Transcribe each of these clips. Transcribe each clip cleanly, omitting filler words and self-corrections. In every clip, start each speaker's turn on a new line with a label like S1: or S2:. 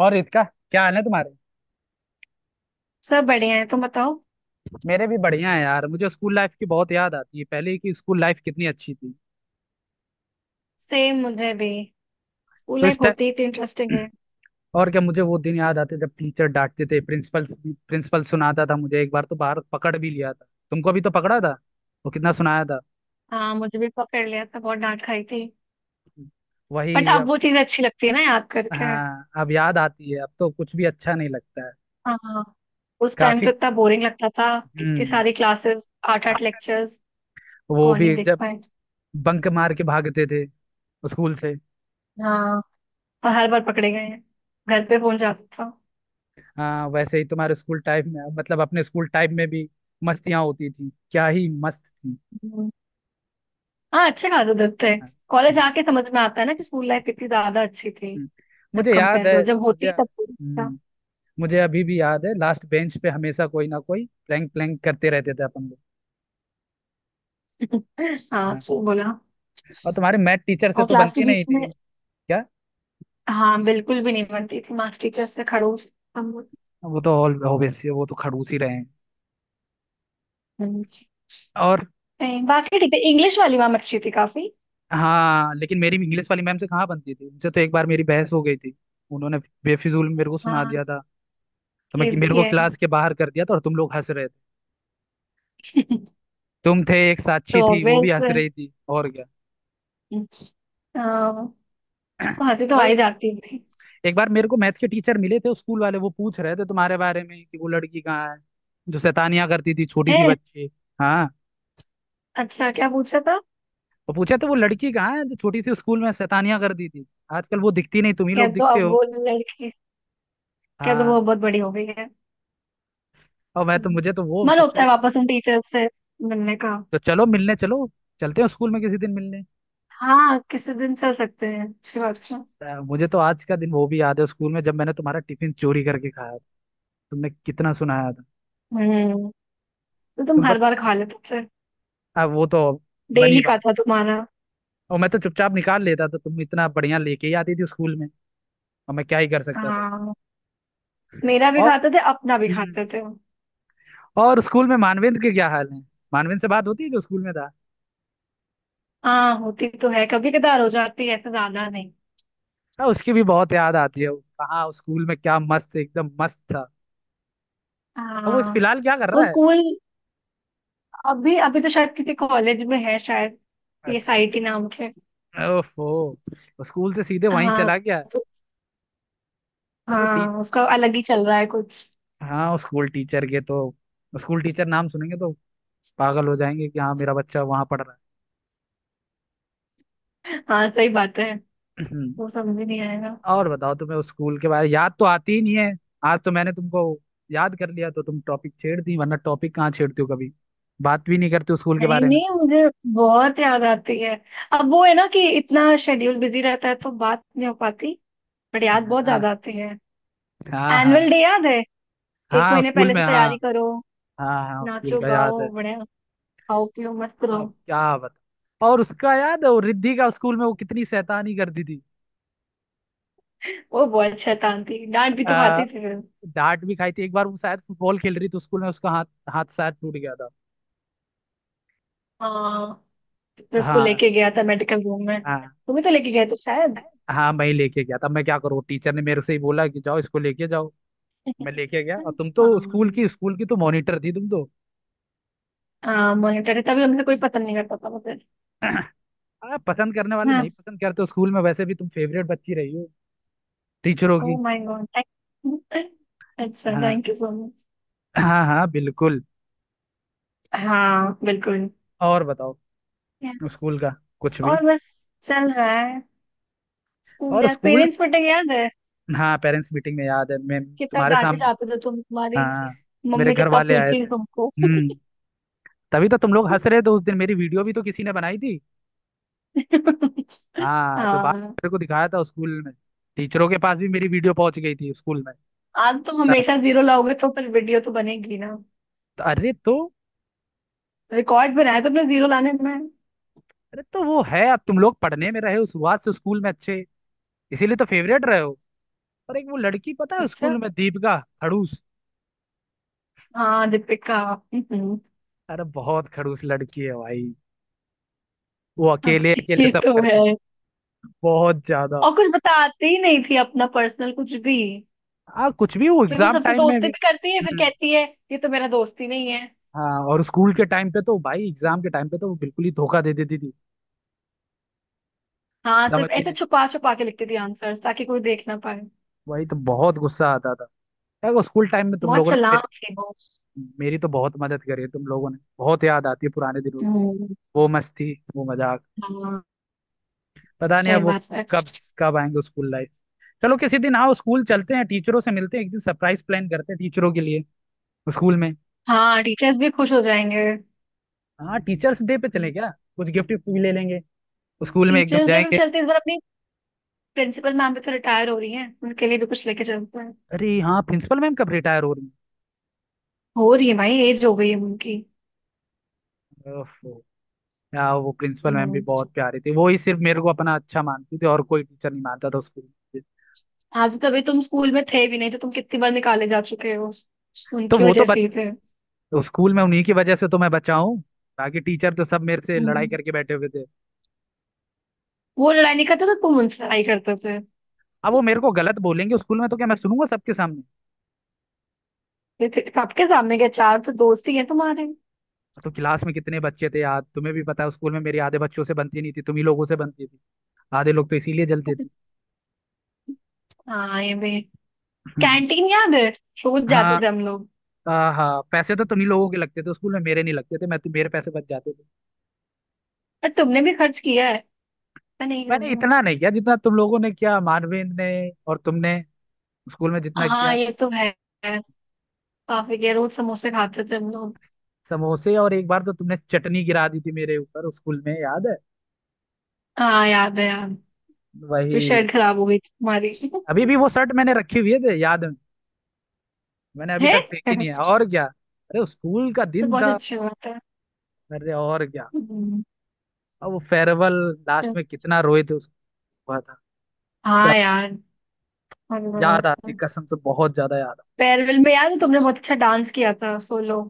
S1: और रितिका, क्या हाल है तुम्हारे।
S2: सब बढ़िया है। तुम बताओ।
S1: मेरे भी बढ़िया है यार, मुझे स्कूल लाइफ की बहुत याद आती है। पहले की स्कूल लाइफ कितनी अच्छी थी।
S2: सेम मुझे भी। स्कूल
S1: तो इस
S2: लाइफ
S1: टाइम
S2: होती ही इतनी इंटरेस्टिंग है।
S1: और क्या, मुझे वो दिन याद आते जब टीचर डांटते थे। प्रिंसिपल प्रिंसिपल सुनाता था मुझे, एक बार तो बाहर पकड़ भी लिया था। तुमको भी तो पकड़ा था, वो कितना सुनाया था।
S2: हाँ मुझे भी पकड़ लिया था। बहुत डांट खाई थी। बट
S1: वही
S2: अब
S1: अब।
S2: वो चीज अच्छी लगती है ना याद करके।
S1: हाँ, अब याद आती है, अब तो कुछ भी अच्छा नहीं लगता है।
S2: हाँ। उस टाइम
S1: काफी।
S2: तो इतना बोरिंग लगता था। इतनी
S1: हम्म
S2: सारी क्लासेस, आठ आठ लेक्चर्स।
S1: वो
S2: कौन ही
S1: भी
S2: देख
S1: जब
S2: पाए।
S1: बंक मार के भागते थे स्कूल से।
S2: हाँ। और हर बार पकड़े गए हैं। घर पे फोन जाता था।
S1: हाँ, वैसे ही तुम्हारे स्कूल टाइम में, मतलब अपने स्कूल टाइम में भी मस्तियाँ होती थी, क्या ही मस्त थी।
S2: हम्म। हाँ अच्छे खासे दिन थे।
S1: हाँ।
S2: कॉलेज
S1: हम्म,
S2: आके समझ में आता है ना कि स्कूल लाइफ कितनी ज्यादा अच्छी थी। जब
S1: मुझे याद
S2: कंपेयर
S1: है।
S2: करो, जब
S1: मुझे
S2: होती तब तो ठीक था।
S1: मुझे अभी भी याद है लास्ट बेंच पे हमेशा कोई ना कोई प्लैंक प्लैंक करते रहते थे अपन लोग।
S2: हाँ
S1: हाँ।
S2: तो बोला।
S1: और तुम्हारे मैथ टीचर से
S2: और
S1: तो
S2: क्लास के
S1: बनती नहीं
S2: बीच में।
S1: थी। क्या।
S2: हाँ, बिल्कुल भी नहीं बनती थी। मास्टर टीचर से खड़ूस। हम।
S1: वो तो ऑल ऑब्वियसली वो तो खड़ूस ही रहे हैं।
S2: हम्म।
S1: और
S2: नहीं, बाकी ठीक है। इंग्लिश वाली मैम अच्छी थी काफी।
S1: हाँ लेकिन मेरी इंग्लिश वाली मैम से कहाँ बनती थी, उनसे तो एक बार मेरी बहस हो गई थी। उन्होंने बेफिजूल मेरे को सुना
S2: हाँ
S1: दिया था। तो मैं
S2: ये भी
S1: मेरे को
S2: है।
S1: क्लास के बाहर कर दिया था और तुम लोग हंस रहे थे। तुम थे, एक
S2: तो
S1: साक्षी थी, वो भी
S2: ऑब्वियस,
S1: हंस रही थी, और क्या।
S2: हंसी तो आ ही
S1: वही।
S2: जाती है।
S1: एक बार मेरे को मैथ के टीचर मिले थे स्कूल वाले, वो पूछ रहे थे तुम्हारे बारे में कि वो लड़की कहाँ है जो शैतानियां करती थी, छोटी सी
S2: हैं?
S1: बच्ची। हाँ।
S2: अच्छा, क्या पूछा था?
S1: तो पूछे तो वो लड़की कहाँ है जो छोटी सी स्कूल में शैतानियां करती थी, आजकल वो दिखती नहीं, तुम ही
S2: कह
S1: लोग
S2: दो
S1: दिखते
S2: अब
S1: हो।
S2: वो लड़की, कह दो वो
S1: हाँ।
S2: बहुत बड़ी हो गई है।
S1: और मैं तो
S2: हम्म।
S1: मुझे तो वो
S2: मन होता
S1: सबसे।
S2: है वापस उन टीचर्स से मिलने का।
S1: तो चलो मिलने चलो, चलते हैं स्कूल में किसी दिन मिलने।
S2: हाँ किसी दिन चल सकते हैं। अच्छी बात है।
S1: तो मुझे तो आज का दिन वो भी याद है स्कूल में जब मैंने तुम्हारा टिफिन चोरी करके खाया था। तुमने कितना सुनाया था।
S2: हम्म। तो तुम
S1: तुम
S2: हर
S1: पता।
S2: बार खा लेते थे।
S1: अब वो तो बनी
S2: डेली का
S1: बात
S2: था
S1: है।
S2: तुम्हारा।
S1: और मैं तो चुपचाप निकाल लेता था, तुम इतना बढ़िया लेके ही आती थी स्कूल में, और मैं क्या ही कर सकता था।
S2: हाँ मेरा भी
S1: और
S2: खाते थे, अपना भी
S1: हम्म,
S2: खाते थे।
S1: और स्कूल में मानवेंद्र के क्या हाल है। मानवेंद्र से बात होती है जो स्कूल में था।
S2: हाँ होती तो है, कभी कदार हो जाती है, ऐसे ज्यादा नहीं।
S1: हाँ, उसकी भी बहुत याद आती है। वो कहाँ उस स्कूल में क्या मस्त, एकदम मस्त था। अब वो इस
S2: हाँ
S1: फिलहाल क्या कर
S2: वो
S1: रहा है।
S2: स्कूल, अभी अभी तो शायद किसी कॉलेज में है शायद, ये
S1: अच्छा।
S2: साईटी नाम के।
S1: ओफो। वो स्कूल से सीधे वहीं
S2: हाँ
S1: चला गया।
S2: तो
S1: चलो टी।
S2: हाँ उसका अलग ही चल रहा है कुछ।
S1: हाँ वो स्कूल टीचर के तो, स्कूल टीचर नाम सुनेंगे तो पागल हो जाएंगे कि हाँ मेरा बच्चा वहां पढ़ रहा
S2: हाँ सही बात है।
S1: है।
S2: वो समझ ही नहीं आएगा।
S1: और बताओ तुम्हें उस स्कूल के बारे याद तो आती ही नहीं है। आज तो मैंने तुमको याद कर लिया तो तुम टॉपिक छेड़ दी, वरना टॉपिक कहाँ छेड़ती हो कभी, बात भी नहीं करते उस स्कूल के
S2: नहीं
S1: बारे में।
S2: नहीं, मुझे बहुत याद आती है। अब वो है ना कि इतना शेड्यूल बिजी रहता है तो बात नहीं हो पाती। बट याद बहुत
S1: हाँ।
S2: ज्यादा आती है।
S1: हाँ,
S2: एनुअल डे याद है। एक
S1: हाँ उस
S2: महीने
S1: स्कूल
S2: पहले
S1: में।
S2: से
S1: हाँ।
S2: तैयारी करो,
S1: हाँ, उस स्कूल
S2: नाचो
S1: का याद है।
S2: गाओ बढ़िया, खाओ पियो मस्त रहो।
S1: अब क्या बता, और उसका याद है वो रिद्धि का, उस स्कूल में वो कितनी शैतानी करती थी।
S2: वो बहुत शैतान थी, डांट भी तो
S1: आ,
S2: खाती थी फिर।
S1: डांट भी खाई थी एक बार, वो शायद फुटबॉल खेल रही थी स्कूल में, उसका हाथ हाथ शायद टूट गया था।
S2: हाँ। फिर उसको
S1: हाँ।
S2: लेके गया था मेडिकल रूम में,
S1: हाँ।
S2: तुम ही तो लेके गए थे शायद।
S1: हाँ, मैं ही लेके गया था। मैं क्या करूँ, टीचर ने मेरे से ही बोला कि जाओ इसको लेके जाओ। मैं लेके गया। और तुम तो स्कूल
S2: हाँ।
S1: की स्कूल की तो मॉनिटर थी तुम तो।
S2: हाँ मॉनिटर है, तभी हमसे कोई पता नहीं करता था मुझे।
S1: पसंद करने वाले नहीं
S2: हाँ।
S1: पसंद करते हो स्कूल में, वैसे भी तुम फेवरेट बच्ची रही हो टीचरों
S2: ओ
S1: की।
S2: My god. अच्छा
S1: हाँ।
S2: Thank you so much.
S1: हाँ, बिल्कुल।
S2: हाँ बिल्कुल।
S1: और बताओ।
S2: Yeah.
S1: स्कूल का कुछ भी।
S2: और बस चल रहा है स्कूल।
S1: और
S2: यार,
S1: स्कूल।
S2: पेरेंट्स मीटिंग याद है?
S1: हाँ पेरेंट्स मीटिंग में याद है मैं
S2: कितना
S1: तुम्हारे
S2: डांटे
S1: सामने।
S2: जाते थे तुम, तुम्हारी
S1: हाँ, मेरे
S2: मम्मी
S1: घर
S2: कितना
S1: वाले आए
S2: पीटती
S1: थे।
S2: थी तुमको।
S1: तभी तो तुम लोग हंस रहे थे, उस दिन मेरी वीडियो भी तो किसी ने बनाई थी। हाँ तो बाप
S2: हाँ।
S1: मेरे को दिखाया था स्कूल में। टीचरों के पास भी मेरी वीडियो पहुंच गई थी स्कूल में।
S2: आज तुम
S1: त-
S2: हमेशा जीरो लाओगे तो फिर वीडियो तो बनेगी ना।
S1: त- अरे तो
S2: रिकॉर्ड बनाया तुमने जीरो लाने में।
S1: अरे तो वो है, अब तुम लोग पढ़ने में रहे हो शुरुआत से स्कूल में अच्छे, इसीलिए तो फेवरेट रहे हो। पर एक वो लड़की पता है
S2: अच्छा,
S1: स्कूल में, दीपिका, खड़ूस।
S2: हाँ दीपिका। हम्म,
S1: अरे बहुत खड़ूस लड़की है भाई। वो
S2: हाँ,
S1: अकेले अकेले
S2: ये
S1: सब
S2: तो
S1: कर
S2: है।
S1: देती। बहुत ज्यादा।
S2: और कुछ बताती ही नहीं थी, अपना पर्सनल कुछ भी।
S1: हाँ कुछ भी, वो
S2: फिर वो
S1: एग्जाम
S2: सबसे
S1: टाइम में
S2: दोस्ती
S1: भी
S2: भी करती है, फिर कहती है ये तो मेरा दोस्त ही नहीं है।
S1: हाँ। और स्कूल के टाइम पे तो भाई, एग्जाम के टाइम पे तो वो बिल्कुल ही धोखा दे देती थी,
S2: हाँ, सिर्फ
S1: समझती
S2: ऐसे
S1: नहीं।
S2: छुपा छुपा के लिखती थी आंसर्स ताकि कोई देख ना पाए।
S1: वही तो बहुत गुस्सा आता था। यार वो स्कूल टाइम में तुम
S2: बहुत
S1: लोगों ने मेरी
S2: चालाक थी वो।
S1: मेरी तो बहुत मदद करी है, तुम लोगों ने। बहुत याद आती है पुराने दिनों की,
S2: हम्म।
S1: वो मस्ती वो मजाक।
S2: हाँ
S1: पता नहीं
S2: सही
S1: अब वो
S2: बात है।
S1: कब, कब आएंगे स्कूल लाइफ। चलो किसी दिन आओ, स्कूल चलते हैं, टीचरों से मिलते हैं, एक दिन सरप्राइज प्लान करते हैं टीचरों के लिए स्कूल में।
S2: हाँ टीचर्स भी खुश हो जाएंगे।
S1: हाँ टीचर्स डे पे चले क्या, कुछ गिफ्ट भी ले लेंगे, स्कूल में एकदम
S2: टीचर्स डे पे भी
S1: जाएंगे।
S2: चलते हैं। इस बार अपनी प्रिंसिपल मैम भी तो रिटायर हो रही हैं, उनके लिए भी कुछ लेके चलते हैं।
S1: अरे हाँ प्रिंसिपल मैम कब रिटायर हो रही
S2: हो रही है भाई, एज हो गई है उनकी।
S1: हैं? ओफो। यार वो प्रिंसिपल मैम भी
S2: हम्म।
S1: बहुत प्यारी थी, वो ही सिर्फ मेरे को अपना अच्छा मानती थी, और कोई टीचर नहीं मानता था स्कूल में।
S2: आज तो तभी तुम स्कूल में थे भी नहीं, तो तुम कितनी बार निकाले जा चुके हो,
S1: तो
S2: उनकी
S1: वो तो
S2: वजह
S1: बच,
S2: से ही थे।
S1: तो स्कूल में उन्हीं की वजह से तो मैं बचा हूँ, बाकी टीचर तो सब मेरे से लड़ाई
S2: हम्म।
S1: करके बैठे हुए थे।
S2: वो लड़ाई नहीं करते थे, तुम उनसे लड़ाई करते थे।
S1: अब वो मेरे को गलत बोलेंगे स्कूल में तो क्या मैं सुनूंगा सबके सामने।
S2: ये फिर सबके सामने के चार तो दोस्त ही हैं तुम्हारे।
S1: तो क्लास में कितने बच्चे थे यार, तुम्हें भी पता है, स्कूल में मेरी आधे बच्चों से बनती नहीं थी, तुम ही लोगों से बनती थी। आधे लोग तो इसीलिए जलते थे।
S2: हाँ ये भी।
S1: हम्म,
S2: कैंटीन याद है, रोज जाते
S1: हाँ।
S2: थे हम लोग।
S1: हाँ, पैसे तो तुम ही लोगों के लगते थे स्कूल में, मेरे नहीं लगते थे, मैं तो, मेरे पैसे बच जाते थे।
S2: और तुमने भी खर्च किया है। मैं नहीं
S1: मैंने
S2: करूंगा।
S1: इतना नहीं किया जितना तुम लोगों ने किया, मानवेंद्र ने और तुमने स्कूल में जितना
S2: हाँ
S1: किया।
S2: ये तो है। काफी किया, रोज समोसे खाते थे हम लोग।
S1: समोसे और एक बार तो तुमने चटनी गिरा दी थी मेरे ऊपर स्कूल में, याद है।
S2: हाँ याद है यार।
S1: वही।
S2: फिर शर्ट खराब हो गई थी हमारी।
S1: अभी भी वो शर्ट मैंने रखी हुई है, याद है, मैंने अभी
S2: है।
S1: तक फेंकी नहीं है। और क्या, अरे स्कूल का
S2: तो
S1: दिन
S2: बहुत
S1: था।
S2: अच्छी बात है।
S1: अरे और क्या।
S2: हम्म।
S1: अब वो फेयरवेल, लास्ट
S2: तो-
S1: में कितना रोए थे, उसको हुआ था
S2: हाँ
S1: सब,
S2: यार।
S1: याद
S2: और-
S1: आती कसम से बहुत ज्यादा याद।
S2: फेयरवेल में याद है, तुमने बहुत अच्छा डांस किया था सोलो।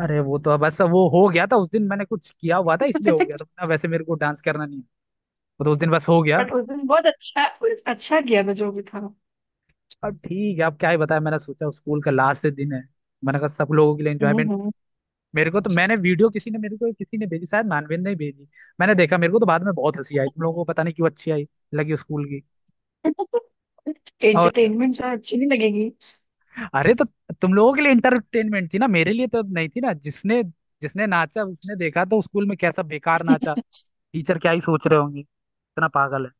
S1: अरे वो तो बस वो हो गया था, उस दिन मैंने कुछ किया हुआ था इसलिए हो गया था, वरना वैसे मेरे को डांस करना नहीं है। वो तो उस दिन बस हो गया।
S2: बट उस दिन बहुत अच्छा। अच्छा किया था जो भी था।
S1: अब ठीक है, अब क्या ही बताया, मैंने सोचा स्कूल का लास्ट दिन है, मैंने कहा सब लोगों के लिए
S2: हम्म
S1: एंजॉयमेंट।
S2: हम्म।
S1: मेरे को तो, मैंने वीडियो किसी ने मेरे को किसी ने भेजी, शायद मानवेंद्र ने ही भेजी। मैंने देखा, मेरे को तो बाद में बहुत हंसी आई, तुम लोगों को पता नहीं क्यों अच्छी आई लगी स्कूल की। और
S2: एंटरटेनमेंट तो अच्छी नहीं लगेगी।
S1: अरे तो तुम लोगों के लिए इंटरटेनमेंट थी ना, मेरे लिए तो नहीं थी ना। जिसने, जिसने नाचा उसने देखा तो स्कूल में कैसा बेकार नाचा, टीचर क्या ही सोच रहे होंगे, इतना पागल है।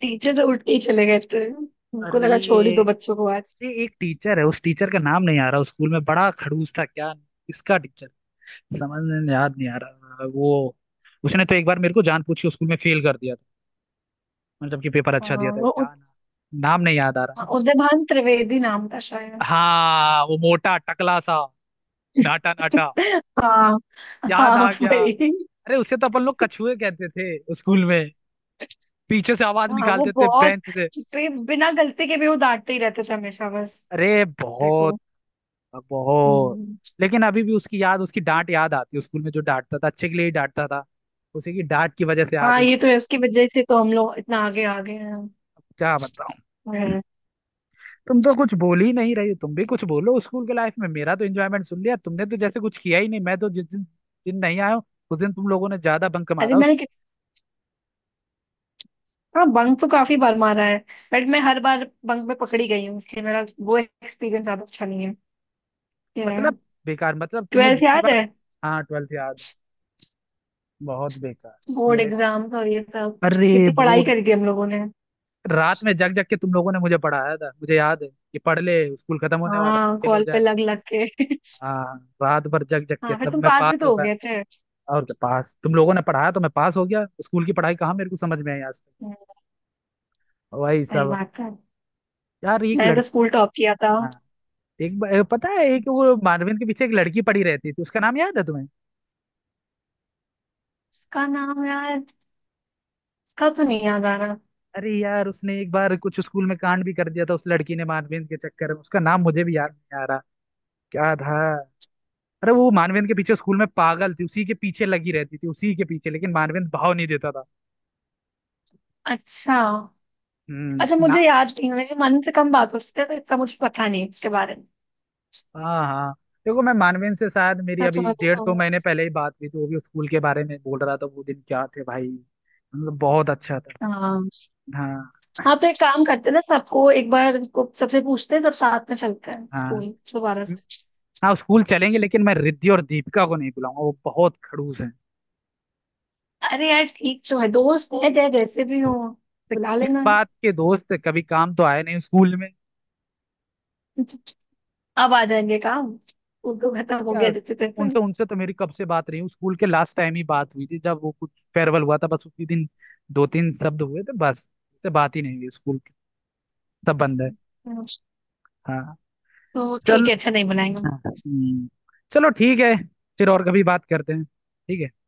S2: टीचर तो उठ के ही चले गए थे, उनको
S1: अरे
S2: लगा छोड़ ही दो बच्चों को आज।
S1: ये एक टीचर है, उस टीचर का नाम नहीं आ रहा, उस स्कूल में बड़ा खड़ूस था, क्या किसका टीचर, समझ में याद नहीं आ रहा वो। उसने तो एक बार मेरे को जानबूझ के स्कूल में फेल कर दिया था, मतलब जबकि पेपर अच्छा दिया
S2: हाँ,
S1: था।
S2: वो
S1: क्या नाम, नाम नहीं याद आ रहा।
S2: उदयभान त्रिवेदी नाम था शायद।
S1: हाँ वो मोटा टकला सा, नाटा नाटा।
S2: हाँ।
S1: याद
S2: हाँ
S1: आ गया।
S2: भाई।
S1: अरे उसे तो अपन लोग कछुए कहते थे स्कूल में, पीछे से आवाज
S2: हाँ वो
S1: निकालते थे
S2: बहुत
S1: बेंच से।
S2: पे बिना गलती के भी वो डांटते ही रहते थे हमेशा बस।
S1: अरे बहुत
S2: देखो।
S1: बहुत
S2: हम्म।
S1: लेकिन अभी भी उसकी याद, उसकी डांट याद आती है स्कूल में, जो डांटता था अच्छे के लिए ही डांटता था, उसी की डांट की वजह से
S2: हाँ
S1: आज।
S2: ये तो है, उसकी वजह से तो हम लोग इतना आगे आ गए हैं।
S1: क्या बताऊं,
S2: हम्म।
S1: तुम तो कुछ बोल ही नहीं रही हो, तुम भी कुछ बोलो, स्कूल के लाइफ में मेरा तो एंजॉयमेंट सुन लिया, तुमने तो जैसे कुछ किया ही नहीं। मैं तो जिस दिन दिन नहीं आया हूं, उस दिन तुम लोगों ने ज्यादा बंक
S2: अरे
S1: मारा। उस
S2: मैंने कि- हाँ बंक तो काफी बार मारा है, बट मैं हर बार बंक में पकड़ी गई हूँ, इसलिए मेरा वो एक्सपीरियंस ज्यादा अच्छा नहीं है।
S1: मतलब बेकार, मतलब तुमने
S2: ट्वेल्थ
S1: जितनी
S2: याद
S1: बार।
S2: है,
S1: हाँ ट्वेल्थ याद है, बहुत बेकार।
S2: बोर्ड
S1: मेरे,
S2: एग्जाम्स और ये सब।
S1: अरे
S2: कितनी पढ़ाई
S1: बोर्ड।
S2: करी थी हम लोगों ने।
S1: रात में जग जग के तुम लोगों ने मुझे पढ़ाया था, मुझे याद है कि पढ़ ले स्कूल खत्म होने वाला है,
S2: हाँ,
S1: फेल हो
S2: कॉल पे
S1: जाए।
S2: लग लग के।
S1: हाँ रात भर जग जग के
S2: हाँ फिर
S1: तब
S2: तुम
S1: मैं
S2: पास
S1: पास
S2: भी
S1: हो
S2: तो हो
S1: पाया।
S2: गए थे।
S1: और क्या, पास तुम लोगों ने पढ़ाया तो मैं पास हो गया, स्कूल की पढ़ाई कहाँ मेरे को समझ में आई आज तक।
S2: हम्म,
S1: वही
S2: सही
S1: सब।
S2: बात है।
S1: यार एक
S2: मैंने तो
S1: लड़की।
S2: स्कूल टॉप किया था।
S1: हाँ। पता है एक वो मानवीन के पीछे एक लड़की पड़ी रहती थी, उसका नाम याद है तुम्हें।
S2: उसका नाम यार, इसका तो नहीं याद आ रहा।
S1: अरे यार उसने एक बार कुछ स्कूल में कांड भी कर दिया था उस लड़की ने, मानवीन के चक्कर में, उसका नाम मुझे भी याद नहीं आ रहा। क्या था। अरे वो मानवेंद्र के पीछे स्कूल में पागल थी, उसी के पीछे लगी रहती थी उसी के पीछे, लेकिन मानवेंद्र भाव नहीं देता था।
S2: अच्छा, अच्छा
S1: ना।
S2: मुझे याद नहीं है, मेरे मन से कम बात होती है तो इतना मुझे पता नहीं है इसके बारे में।
S1: हाँ हाँ देखो मैं मानवेंद्र से, शायद मेरी
S2: मैं
S1: अभी
S2: तुम्हें
S1: डेढ़ दो
S2: बताऊंगा।
S1: महीने पहले ही बात हुई थी, वो भी स्कूल के बारे में बोल रहा था, वो दिन क्या थे भाई, मतलब बहुत अच्छा था।
S2: हाँ।
S1: हाँ।
S2: हाँ तो एक काम करते हैं ना, सबको एक बार को सबसे पूछते हैं, सब साथ में चलते हैं
S1: हाँ
S2: स्कूल दोबारा से।
S1: हाँ, स्कूल चलेंगे लेकिन मैं रिद्धि और दीपिका को नहीं बुलाऊंगा, वो बहुत खड़ूस हैं।
S2: अरे यार ठीक तो है, दोस्त है चाहे जैसे भी हो।
S1: तो
S2: बुला
S1: किस
S2: लेना,
S1: बात के दोस्त, कभी काम तो आए नहीं स्कूल में।
S2: अब आ जाएंगे काम। स्कूल तो खत्म हो
S1: क्या।
S2: गया जैसे तैसे।
S1: उनसे उनसे तो मेरी कब से बात रही हूँ, स्कूल के लास्ट टाइम ही बात हुई थी जब वो कुछ फेयरवेल हुआ था, बस उसी दिन दो तीन शब्द हुए थे बस, उससे बात ही नहीं हुई स्कूल की, सब बंद है। हाँ।
S2: तो ठीक
S1: चल।
S2: है, अच्छा नहीं बनाएंगे।
S1: हम्म, चलो ठीक है, फिर और कभी बात करते हैं, ठीक है।